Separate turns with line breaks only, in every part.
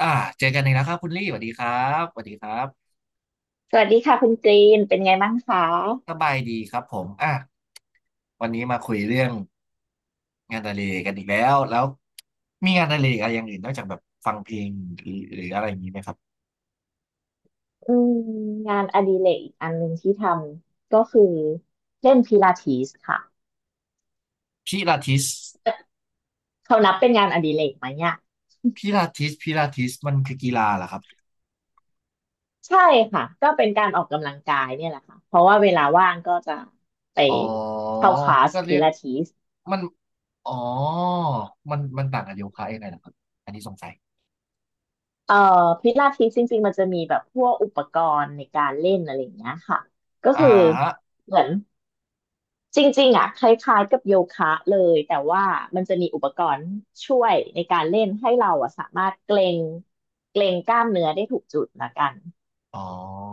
อ่าเจอกันอีกแล้วครับคุณลี่สวัสดีครับสวัสดีครับ
สวัสดีค่ะคุณกรีนเป็นไงบ้างคะ
สบายดีครับผมอ่ะวันนี้มาคุยเรื่องงานอดิเรกกันอีกแล้วมีงานอดิเรกอะไรอย่างอื่นนอกจากแบบฟังเพลงหรืออะไรอย่างนี้ไหมครับ
อืมงานอดิเรกอีกอันหนึ่งที่ทำก็คือเล่นพิลาทิสค่ะ
พิลาทิส
เขานับเป็นงานอดิเรกไหมเนี่ย
พิลาทิสมันคือกีฬาเหรอครับ
ใช่ค่ะก็เป็นการออกกำลังกายเนี่ยแหละค่ะเพราะว่าเวลาว่างก็จะไป
อ๋อ
เข้าคลาส
ก็เรี
พิ
ยก
ลาทิส
มันอ๋อมันต่างกับโยคะยังไงเหรอครับอันนี้สงสัย
เอ่อพิลาทิสจริงๆมันจะมีแบบพวกอุปกรณ์ในการเล่นอะไรอย่างเงี้ยค่ะก็
อ่า
คือ
ฮะ
เหมือน จริงๆอ่ะคล้ายๆกับโยคะเลยแต่ว่ามันจะมีอุปกรณ์ช่วยในการเล่นให้เราอะสามารถเกรงกล้ามเนื้อได้ถูกจุดละกัน
อ๋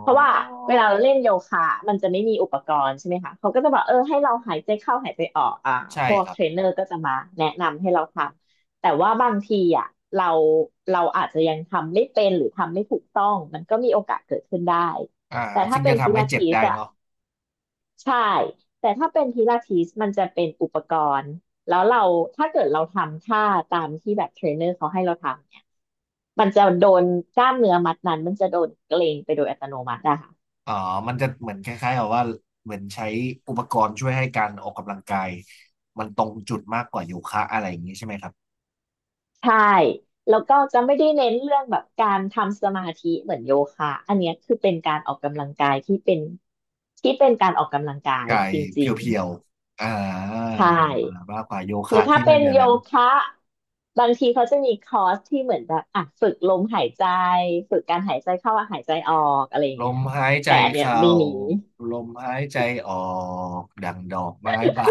เพราะว่าเวลาเราเล่นโยคะมันจะไม่มีอุปกรณ์ใช่ไหมคะเขาก็จะบอกเออให้เราหายใจเข้าหายใจออก
ใช่
พวก
ครับ
เทรนเนอร์ก็จะมาแนะนำให้เราทำแต่ว่าบางทีอ่ะเราเราอาจจะยังทำไม่เป็นหรือทำไม่ถูกต้องมันก็มีโอกาสเกิดขึ้นได้
อ่า
แต่ถ้า
ซึ่ง
เป็
จะ
นพิ
ทำให้
ลา
เจ็บ
ทิส
ได้
อะ
เนาะ
ใช่แต่ถ้าเป็นพิลาทิสมันจะเป็นอุปกรณ์แล้วเราถ้าเกิดเราทำท่าตามที่แบบเทรนเนอร์เขาให้เราทำเนี่ยมันจะโดนกล้ามเนื้อมัดนั้นมันจะโดนเกร็งไปโดยอัตโนมัติอะค่ะ
อ๋อมันจะเหมือนคล้ายๆกับว่าเหมือนใช้อุปกรณ์ช่วยให้การออกกำลังกายมันตรงจุดมากกว่าโยคะอะไรอย่างนี้ใช่ไหมครับ
ใช่แล้วก็จะไม่ได้เน้นเรื่องแบบการทำสมาธิเหมือนโยคะอันเนี้ยคือเป็นการออกกำลังกายที่เป็นการออกกำลังกาย
กาย
จ
เ
ริง
พียวๆ อ่
ๆ
า
ใช่
มากกว่าโย
คือ
คะ
ถ้า
ที่
เป็
มัน
น
เหมือน
โย
มัน
คะบางทีเขาจะมีคอร์สที่เหมือนแบบอ่ะฝึกลมหายใจฝึกการหายใจเข้าหายใจออกอะไรอย่าง
ล
เงี้ย
มหายใจ
แต่อันเนี้ย
เข้า
ไม่มี
ลมหายใจออกดังดอกไม้บา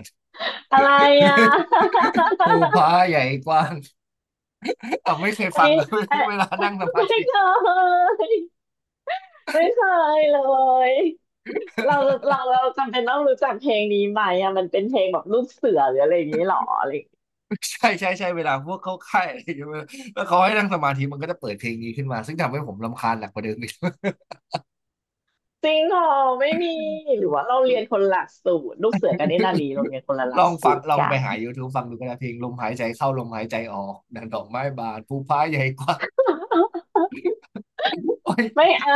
น
อะไรอ่ะ
ภูผาใหญ่กว้าง อ่ะไม่เคย
อัน
ฟัง
นี้
อ่ะ
เอ่อ
เวลา
ไ
นั่งสมา
ม่เค
ธิ
ยไม่เคยเลยเราเราจำเป็นต้องรู้จักเพลงนี้ไหมอ่ะมันเป็นเพลงแบบลูกเสือหรืออะไรอย่างนี้หรออะไรอย่างงี้
ใช่ใช่ใช่เวลาพวกเข้าค่ายอะไรอย่างเงี้ยแล้วเขาให้นั่งสมาธิมันก็จะเปิดเพลงนี้ขึ้นมาซึ่งทำให้ผมรำคาญหนักกว่าเดิมอีก
จริงเหรอไม่มีหรือว่าเราเรียนคนละหลักสูตรลูกเสือกับเนตรนารีเราเรียนคนละห
ล
ลัก
องฟั
สู
ง
ตร
ลอง
กั
ไป
น
หา YouTube ฟังดูก็ได้เพลงลมหายใจเข้าลมหายใจออกดังดอกไม้บานภูฟ้าใหญ่กว่าโอ๊ย
ไม่เอา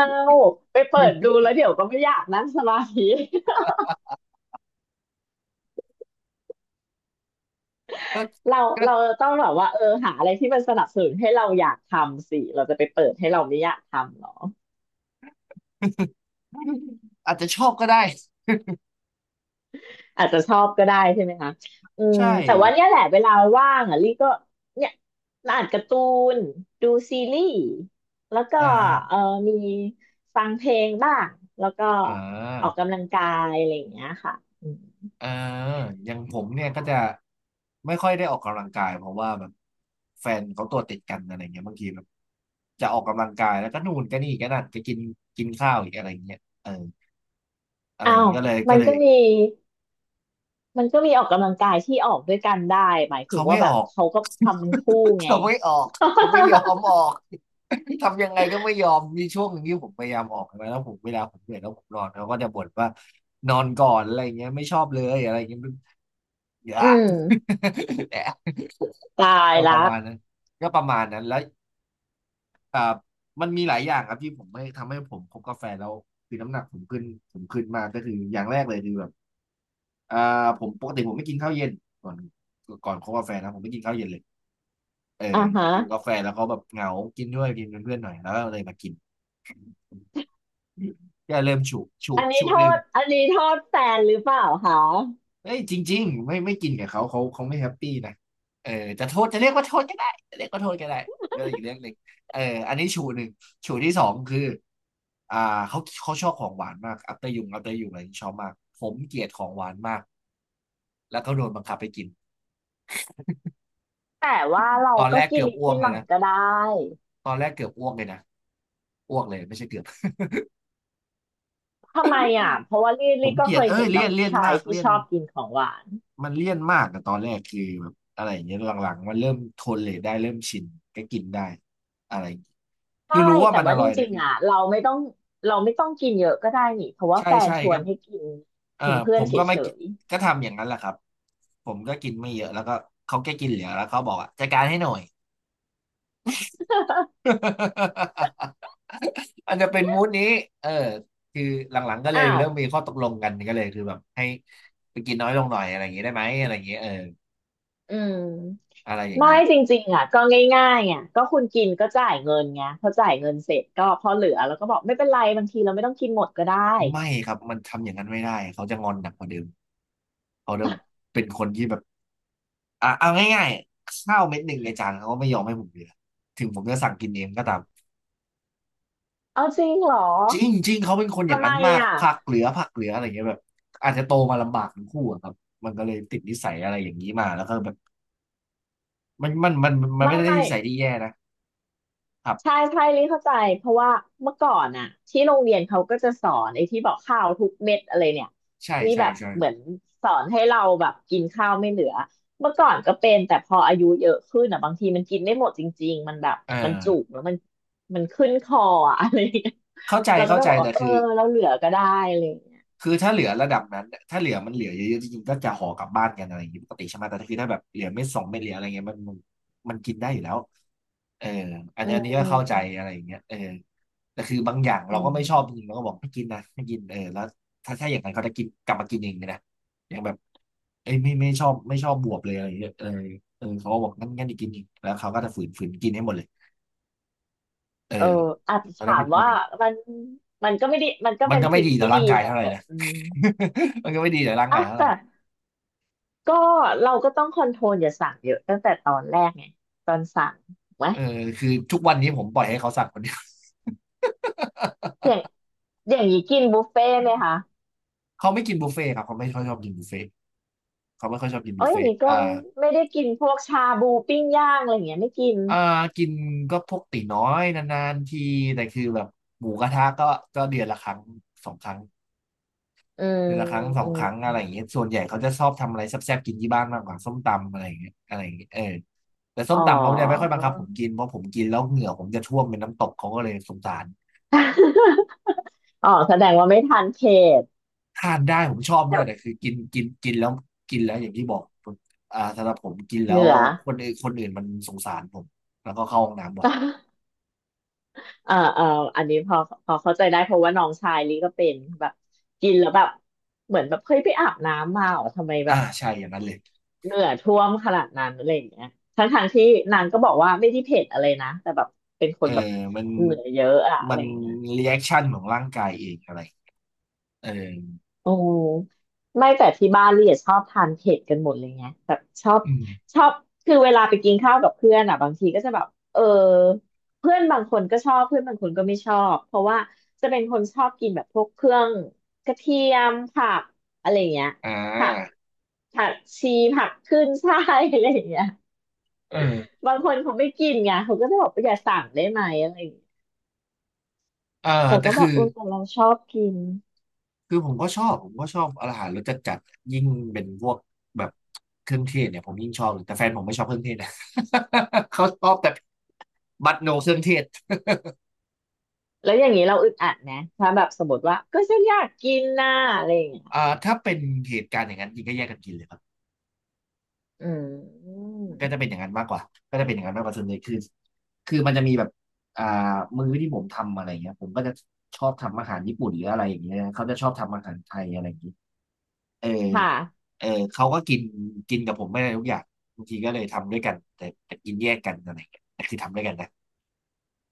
ไปเปิดดูแล้วเดี๋ยวก็ไม่อยากนั่งสมาธิ
ก็
เรา
ก็
เราต้องแบบว่าเออหาอะไรที่มันสนับสนุนให้เราอยากทำสิเราจะไปเปิดให้เราไม่อยากทำหรอ
อาจจะชอบก็ได้
อาจจะชอบก็ได้ใช่ไหมคะอืม
ใช่
แต่ว่าเนี่ยแหละเวลาว่างอ่ะลี่ก็เนี่ยอ่านการ์ตูนดูซีรีส์แล้วก็
อ่าฮะ
เออมีฟังเพลงบ้างแล้วก็
อ่
ออก
า
กำลังกายอะไรอย่างเงี้ยค่ะอืม
เอออย่างผมเนี่ยก็จะไม่ค่อยได้ออกกำลังกายเพราะว่าแบบแฟนเขาตัวติดกันอะไรเงี้ยบางทีแบบจะออกกำลังกายแล้วก็นู่นก็นี่ก็นั่นก็กินกินข้าวอีกอะไรเงี้ยเอออะไร
อ้า
อย่าง
ว
เงี้ยก็เลย
มั
ก็
น
เล
ก็
ย
มี มันก็มีออกกำลังกายที่ออกด้วยกันได้หมายถึง
เขาไม่
ว่าแบ
อ
บ
อก
เขาก็ทำเป็นคู่ ไง
เขาไม่ออกเขาไม่ยอมออกทำยังไงก็ไม่ยอมมีช่วงหนึ่งที่ผมพยายามออกนะแล้วผมเวลาผมเหนื่อยแล้วผมนอนเขาก็จะบ่นว่านอนก่อนอะไรเงี้ยไม่ชอบเลยอะไรเงี้ย อย่า
อืม
แหละ
ตาย
ก็ประ
ละ
มาณนั้นก็ประมาณนั้นแล้วอ่ามันมีหลายอย่างครับที่ผมไม่ทำให้ผมคบกาแฟแล้วคือน้ำหนักผมขึ้นผมขึ้นมากก็คืออย่างแรกเลยคือแบบอ่าผมปกติผมไม่กินข้าวเย็นก่อนก่อนคบกาแฟนะผมไม่กินข้าวเย็นเลยเออ
อ่าฮะ
แต่อยู่กาแฟแล้วเขาแบบเหงากินด้วยกินเป็นเพื่อนหน่อยแล้วก็เลยมากินก็เริ่มฉุฉุ
อันนี้
ฉุ
โท
หนึ่ง
อันนี้โทษแฟนหรือเปล่าคะ
เฮ้ยจริงๆไม่กินกับเขาเขาไม่แฮปปี้นะเออจะโทษจะเรียกว่าโทษก็ได้จะเรียกว่าโทษก็ได้ก็อีกเรื่องหนึ่งเอออันนี้ชูหนึ่งชูที่สองคืออ่าเขาชอบของหวานมากอัปเตอร์ยุงอัปเตอร์ยุงอะไรที่ชอบมากผมเกลียดของหวานมากแล้วก็โดนบังคับไปกิน
แต่ว่าเรา
ตอนแร
ก็
ก
กิ
เกื
น
อบอ้ว
กิ
ก
น
เล
ห
ย
ลัง
นะ
ก็ได้
ตอนแรกเกือบอ้วกเลยนะอ้วกเลยไม่ใช่เกือบ
ทำไมอ่ะเพราะว่าลี่
ผ
ลี่
ม
ก็
เกลี
เค
ยด
ย
เอ้
เห็
ย
นแบ
เลี่
บ
ยน
ผู้
เลี่ยน
ชาย
มาก
ที่
เลี่ย
ช
น
อบกินของหวาน
มันเลี่ยนมากอะตอนแรกคือแบบอะไรอย่างเงี้ยหลังๆมันเริ่มทนเลยได้เริ่มชินก็กินได้อะไรอย่างเงี้ย
ใช่
คือรู้ว่า
แต่
มันอ
ว่าจ
ร่อยนะ
ริง
คื
ๆ
อ
อ่ะเราไม่ต้องกินเยอะก็ได้นี่เพราะว่า
ใช่
แฟน
ใช่
ชว
ก็
นให้กิน
เออ
เป็นเพื่
ผ
อน
ม
เฉ
ก็ไม่กิน
ย
ก็ทำอย่างนั้นแหละครับผมก็กินไม่เยอะแล้วก็เขาแค่กินเหลือแล้วเขาบอกอ่ะจัดการให้หน่อย อันจะเป็นมูดนี้เออคือหลังๆก็
ๆ
เลย
อ้าว
เริ่มมีข้อตกลงกันก็เลยคือแบบให้ไปกินน้อยลงหน่อยอะไรอย่างงี้ได้ไหมอะไรอย่างงี้เออ
อืม
อะไรอย่าง
ไม่
นี้
จริงๆอ่ะก็ง่ายๆอ่ะก็คุณกินก็จ่ายเงินไงพอจ่ายเงินเสร็จก็พอเหลือแล้วก็บอกไม่เป็นไรบางทีเราไม่ต้องกินหมดก็ได้
ไม่ครับมันทำอย่างนั้นไม่ได้เขาจะงอนหนักกว่าเดิมเขาเริ่มเป็นคนที่แบบอ่ะเอาง่ายๆข้าวเม็ดหนึ่งในจานเขาก็ไม่ยอมให้ผมเหลือถึงผมจะสั่งกินเองก็ตาม
เอาจริงเหรอ
จริงจริงเขาเป็นคนอย่า
ทำ
ง
ไม
นั้นมาก
อ่ะ
ผักเหลือผักเหลืออะไรเงี้ยแบบอาจจะโตมาลำบากทั้งคู่อะครับมันก็เลยติดนิสัยอะไรอย่างนี้มาแล้วก็แบบมันมัน
ไม่
ไม่ได้
ไม่
นิสัยที่แย่นะครั
ใช่
บ
ใช่ลิเข้าใจเพราะว่าเมื่อก่อนอ่ะที่โรงเรียนเขาก็จะสอนไอ้ที่บอกข้าวทุกเม็ดอะไรเนี่ย
ใช่
ที่
ใช่
แบบ
ใช่
เหมือนสอนให้เราแบบกินข้าวไม่เหลือเมื่อก่อนก็เป็นแต่พออายุเยอะขึ้นอ่ะบางทีมันกินไม่หมดจริงๆมันแบบ
เออ
มันจุกแล้วมันขึ้นคออะอะไรอย่างเงี้ย
เข้าใจ
เราก็
เข้า
ต้อง
ใจ
บอกว่า
แต่
เออ
คือ
เราเหลือก็ได้อะไรอย่างเงี้ย
คือถ้าเหลือระดับนั้นเนี่ยถ้าเหลือมันเหลือเยอะๆจริงๆก็จะห่อกลับบ้านกันอะไรอย่างนี้ปกติใช่ไหมแต่ถ้าคือถ้าแบบเหลือเม็ดสองเม็ดเหลืออะไรเงี้ยมันมันกินได้อยู่แล้วเอออัน
อื
นี้อันนี้ก็เข้าใจ
ม
อะไรอย่างเงี้ยเออแต่คือบางอย่าง
อื
เราก็ไม่ชอบจ
ม
ริงๆเราก็บอกไม่กินนะไม่กินเออแล้วถ้าอย่างนั้นเขาจะกินกลับมากินเองเลยนะอย่างแบบเอ้ยไม่ชอบไม่ชอบบวบเลยอะไรเงี้ยเออเขาก็บอกงั้นจะกินอีกแล้วเขาก็จะฝืนกินให้หมดเลยเออ
เอออาจจะ
เขาจะ
ถา
เป็
ม
นคน
ว่า
เอง
มันมันก็ไม่ได้มันก็
มัน
เป็น
ก็ไม่
สิ่ง
ดีต่อ
ที่ดี
ร่างกา
แห
ย
ละ
เท่าไหร่
แต่
นะ
อืม
มันก็ไม่ดีต่อร่าง
เอ้า
กายเท่าไหร่
แต่ก็เราก็ต้องคอนโทรลอย่าสั่งเยอะตั้งแต่ตอนแรกไงตอนสั่งถูกไหม
เออคือทุกวันนี้ผมปล่อยให้เขาสั่งคนเดียว
อย่างอย่างนี้กินบุฟเฟ่ต์ไหมคะ
เขาไม่กินบุฟเฟ่ต์ครับเขาไม่ค่อยชอบกินบุฟเฟ่ต์เขาไม่ค่อยชอบกิน
เอ๋
บุ
อ
ฟ
อย่า
เฟ่
ง
ต์
นี้ก็
อ่า
ไม่ได้กินพวกชาบูปิ้งย่างอะไรอย่างเงี้ยไม่กิน
อ่ากินก็พวกตี๋น้อยนานๆทีแต่คือแบบหมูกระทะก็ก็เดือนละครั้งสองครั้ง
อืม
เดือนละครั้งสอ
อื
งค
ม
รั้งอะ
อื
ไรอ
ม
ย่างเงี้ยส่วนใหญ่เขาจะชอบทำอะไรแซ่บๆกินที่บ้านมากกว่าส้มตำอะไรอย่างเงี้ยอะไรอย่างเงี้ยเออแต่ส้
อ๋อ
มตำเขาจะไม่ค่อยบังคับผมกินเพราะผมกินแล้วเหงื่อผมจะท่วมเป็นน้ำตกเขาก็เลยสงสาร
อ๋อแสดงว่าไม่ทานเผ็ด
ทานได้ผมชอบด้วยแต่คือกินกินกินแล้วกินแล้วอย่างที่บอกผมอ่าสำหรับผมกินแล้
เห
ว
นือ
คนอื่นมันสงสารผมแล้วก็เข้าห้องน้ำบ่อย
เอ่อเอ่ออันนี้พอเข้าใจได้เพราะว่าน้องชายลิก็เป็นแบบกินแล้วแบบเหมือนแบบเฮ้ยไปอาบน้ำมาเหรอทำไมแบ
อ่า
บ
ใช่อย่างนั้นเลย
เหงื่อท่วมขนาดนั้นอะไรอย่างเงี้ยทั้งทางที่นางก็บอกว่าไม่ได้เผ็ดอะไรนะแต่แบบเป็นค
เอ
น
อ
แบบ
มัน
เหงื่อเยอะอะอะ
มั
ไร
น
อย่างเงี้ย
รีแอคชั่นของร่างกายเองอะไรเออ
โอ้ไม่แต่ที่บ้านลี่อะชอบทานเผ็ดกันหมดเลยไงแบบชอบ
อืม
ชอบคือเวลาไปกินข้าวกับเพื่อนอ่ะบางทีก็จะแบบเออเพื่อนบางคนก็ชอบเพื่อนบางคนก็ไม่ชอบเพราะว่าจะเป็นคนชอบกินแบบพวกเครื่องกระเทียมผักอะไรอย่างเงี้ย
อ่
ผัก
า
ผักชีผักขึ้นฉ่ายอะไรอย่างเงี้ย
เออ
บางคนเขาไม่กินไงเขาก็จะบอกว่าอย่าสั่งได้ไหมอะไรอย่างเงี้ย
เออ
เรา
แต่
ก็แบ
คือ
บเออแต่เราชอบกิน
คือผมก็ชอบผมก็ชอบอาหารรสจัดยิ่งเป็นพวกแบบเครื่องเทศเนี่ยผมยิ่งชอบเลยแต่แฟนผมไม่ชอบเครื่องเทศนะ เขาชอบแต่บัตโนเครื่องเทศ
แล้วอย่างนี้เราอึดอัดนะถ้าแบบสมมติว่าก็ฉันอยากกินน่ะอะไรอย่างเงี้ย
อ่าถ้าเป็นเหตุการณ์อย่างนั้นจริงก็แยกกันกินเลยครับ
อืม
ก็จะเป็นอย่างนั้นมากกว่าก็จะเป็นอย่างนั้นมากกว่าส่วนใหญ่คือคือมันจะมีแบบอ่ามื้อที่ผมทำอะไรเงี้ยผมก็จะชอบทำอาหารญี่ปุ่นหรืออะไรอย่างเงี้ยเขาจะชอบทำอาหารไทยอะไรอย่างงี้เออ
ค่ะ
เออเขาก็กินกินกับผมไม่ได้ทุกอย่างบางทีก็เลยทำด้วยกันแต่แต่กินแยกกันอะไรอย่างเงี้ยแต่คือทำด้วยกันนะ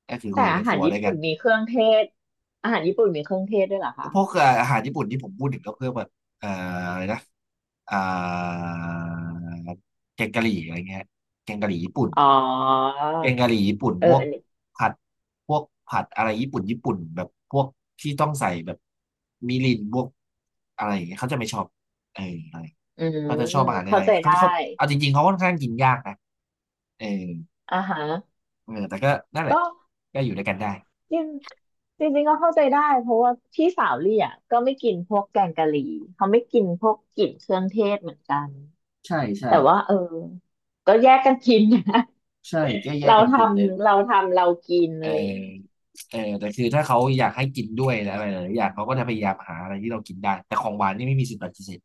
ก็คือ
แต่
อยู่ใน
อา
ค
หา
รั
ร
ว
ญี่
ด้วยกั
ปุ่
น
นมีเครื่องเทศอาหารญี่ปุ่นมีเครื่องเทศด้วยเหรอคะ
พวกอาหารญี่ปุ่นที่ผมพูดถึงก็เพื่อแบบเอ่ออะไรนะ อ่าแกงกะหรี่อะไรเงี้ยแกงกะหรี่ญี่ปุ่น
อ๋อ
แกงกะหรี่ญี่ปุ่น
เออ
พวก
อันนี้
ผัดพวกผัดอะไรญี่ปุ่นแบบพวกที่ต้องใส่แบบมิรินพวกอะไรอย่างเงี้ยเขาจะไม่ชอบเอออะไร
อืม
เขาจะชอบอาหารอะ
เข้า
ไร
ใจ
เขา
ได้
เขาเอาจริงๆเขาค่อนข้างกินยากนะเออ
อ่าฮะ
เออแต่ก็นั่นแหละ
ก็
ก็อยู่ด้วยกันได้
จริงจริงๆก็เข้าใจได้เพราะว่าพี่สาวลี่อ่ะก็ไม่กินพวกแกงกะหรี่เขาไม่กินพวกกลิ่นเครื่องเทศเหมือนกัน
ใช่ใช่
แต่ว่าก็แยกกันกินนะ
ใช่แก้แยก
เรา
กัน
ท
กินเลย
เราทำเรากิน
เอ
อะไรอย่างเงี้ย
อเออแต่คือถ้าเขาอยากให้กินด้วยและอะไรหลายๆอย่างเขาก็จะพยายามหาอะไรที่เรากินได้แต่ของหวานนี่ไม่มีสิทธิ์ปฏิเสธ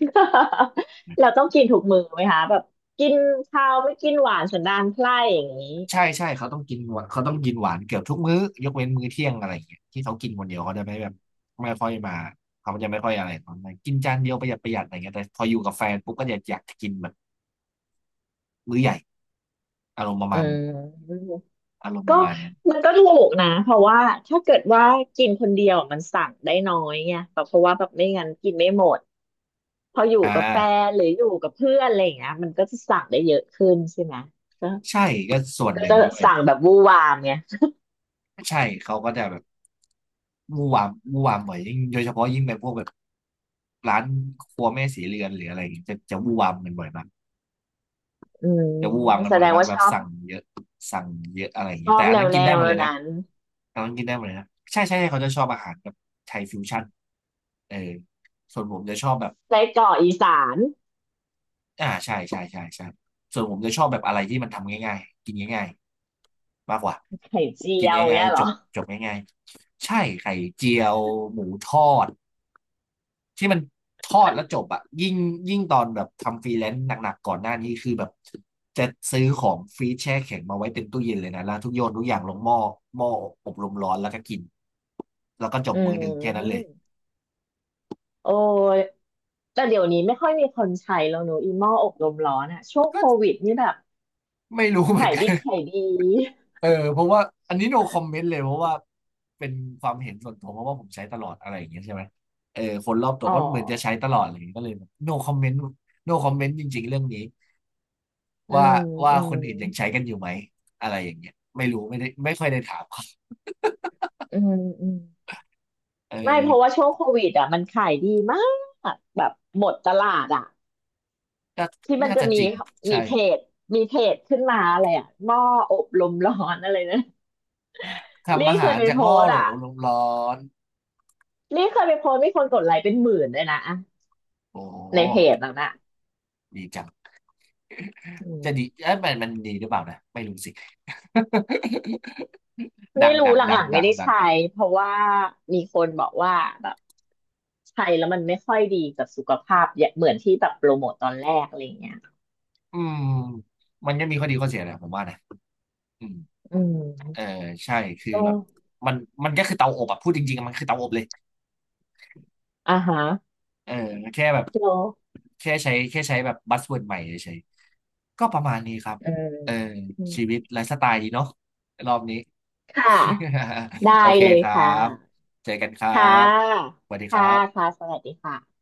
เราต้องกินถูกมือไหมคะแบบกินข้าวไม่กินหวานสันดานไพร่อย่างนี้
ใช่ใช่เขาต้องกินหวานเขาต้องกินหวานเกือบทุกมื้อยกเว้นมื้อเที่ยงอะไรอย่างเงี้ยที่เขากินคนเดียวเขาจะไม่แบบไม่ค่อยมาเขาจะไม่ค่อยอะไรปองมนันกินจานเดียวประหยัดอะไรเงี้ยแต่พออยู่กับแฟนปุ๊บก็จะอยากจะกินแบบมื้อใหญ่อารมณ์ประ
อื
มาณนั้น
ม
อารมณ์ป
ก็
ระมาณนั้น
มันก็ถูกนะเพราะว่าถ้าเกิดว่ากินคนเดียวมันสั่งได้น้อยไงแบบเพราะว่าแบบไม่งั้นกินไม่หมดพออยู่
อ่
กับแฟ
า
นหรืออยู่กับเพื่อนอะไรอย่างเงี้ยมันก็จะสั่งได้เยอะขึ้นใช่ไหมก็
ใช่ก็ส่วนหนึ่
ก็
ง
จะ
ด้วย
สั่งแบบวู่วามไง
ใช่เขาก็จะแบบมู่วามบ่อยยิ่งโดยเฉพาะยิ่งเป็นพวกแบบร้านครัวแม่สีเรือนหรืออะไรอย่างเงี้ยจะมู่วามกันบ่อยมาก
อืม
จะมู่วามกัน
แส
บ่อ
ด
ย
ง
มาก
ว่า
แบ
ช
บ
อบ
สั่งเยอะสั่งเยอะอะไรอย่าง
ช
เงี้ย
อ
แต่
บ
อัน
แน
นั้
ว
นกิ
แน
นได้
ว
หมดเลยนะ
นั้น
อันนั้นกินได้หมดเลยนะใช่ใช่ใช่เขาจะชอบอาหารแบบไทยฟิวชั่นเออส่วนผมจะชอบแบบ
ไส้กรอกอีสาน
อ่าใช่ใช่ใช่ใช่ส่วนผมจะชอบแบบอะไรที่มันทำง่ายๆกินง่ายๆมากกว่า
ไข่เจี
กิน
ยว
ง่าย
เงี้ยเห
ๆ
ร
จ
อ
บจบง่ายๆใช่ไข่เจียวหมูทอดที่มันทอดแล้วจบอะยิ่งยิ่งตอนแบบทำฟรีแลนซ์หนักๆก่อนหน้านี้คือแบบจะซื้อของฟรีซแช่แข็งมาไว้เต็มตู้เย็นเลยนะแล้วทุกโยนทุกอย่างลงหม้อหม้ออบลมร้อนแล้วก็กินแล้วก็จ
อื
บมื้อหนึ่งแค่นั้นเลย
มโอ้ยแต่เดี๋ยวนี้ไม่ค่อยมีคนใช้แล้วเนอะอีหม้ออบลมร้อนอะช่วง
ก็
โควิดนี่แบบ
ไม่รู้เหมือ
ขา
น
ย
กั
ดิ
น
บขายดี
เออเพราะว่าอันนี้ no comment เลยเพราะว่าเป็นความเห็นส่วนตัวเพราะว่าผมใช้ตลอดอะไรอย่างเงี้ยใช่ไหมเออคนรอบตัว
อ๋อ
ก็เหมือนจะใช้ตลอดอะไรอย่างเงี้ยก็เลยแบบ no comment no comment จริงๆเรื่องนี้
อื
ว่า
ม
ว่า
อื
ค
ม
นอื่นยังใช้กันอยู่ไหมอะไรอย่างเงี้ยไม่รู้ไม่ได้ไม่ค่อยได้ถามเขา
อืมอืม
เอ
ไม่เพราะว่า
อ
ช่วงโควิดอ่ะมันขายดีมากแบบหมดตลาดอ่ะ
น่า
ที่มัน
น่า
จะ
จะ
มี
จริง
มี
ใช่
เพจมีเพจขึ้นมาอะไรอ่ะหม้ออบลมร้อนอะไรนะลี่
ทำอา
เค
หา
ย
ร
ไป
จาก
โพ
อ้อ
ส
โห
ต์
ล
อ่ะ
ลมร้อน
ลี่เคยไปโพสต์มีคนกดไลค์เป็นหมื่นเลยนะอะ
โอ้โห
ในเพจนั้นอ่ะ
ดีจัง
อืม
จะดีเอ้ยมันมันดีหรือเปล่านะไม่รู้สิ ดั
ไม่
ง
รู้
ดัง
ห
ดั
ลั
ง
งๆ
ดั
ไม่
ง
ได้ใช้
ดัง
เพราะว่ามีคนบอกว่าแบบใช้แล้วมันไม่ค่อยดีกับสุขภาพอย่าเหมือนที่แบบโปรโมทตอนแรกอะไรเงี้ย
อืมมันก็มีข้อดีข้อเสียแหละผมว่านะอืม
อื
เอ
ม
อใช่คือ
ก็
แบบมันก็คือเตาอบอะพูดจริงๆอะมันคือเตาอบเลย
อ่าฮะ
เออแค่แบบ
โล
แค่ใช้แบบบัสเวิร์ดใหม่เฉยๆก็ประมาณนี้ครับ
อืม
เออ
อืม
ชีวิตไลฟ์สไตล์ดีเนาะรอบนี้
ค่ะได้
โอเค
เลย
ครั
ค่ะ
บเจอกันครั
ค่
บ
ะ
สวัสดีค
ค่ะ
รับ
ค่ะสวัสดีค่ะ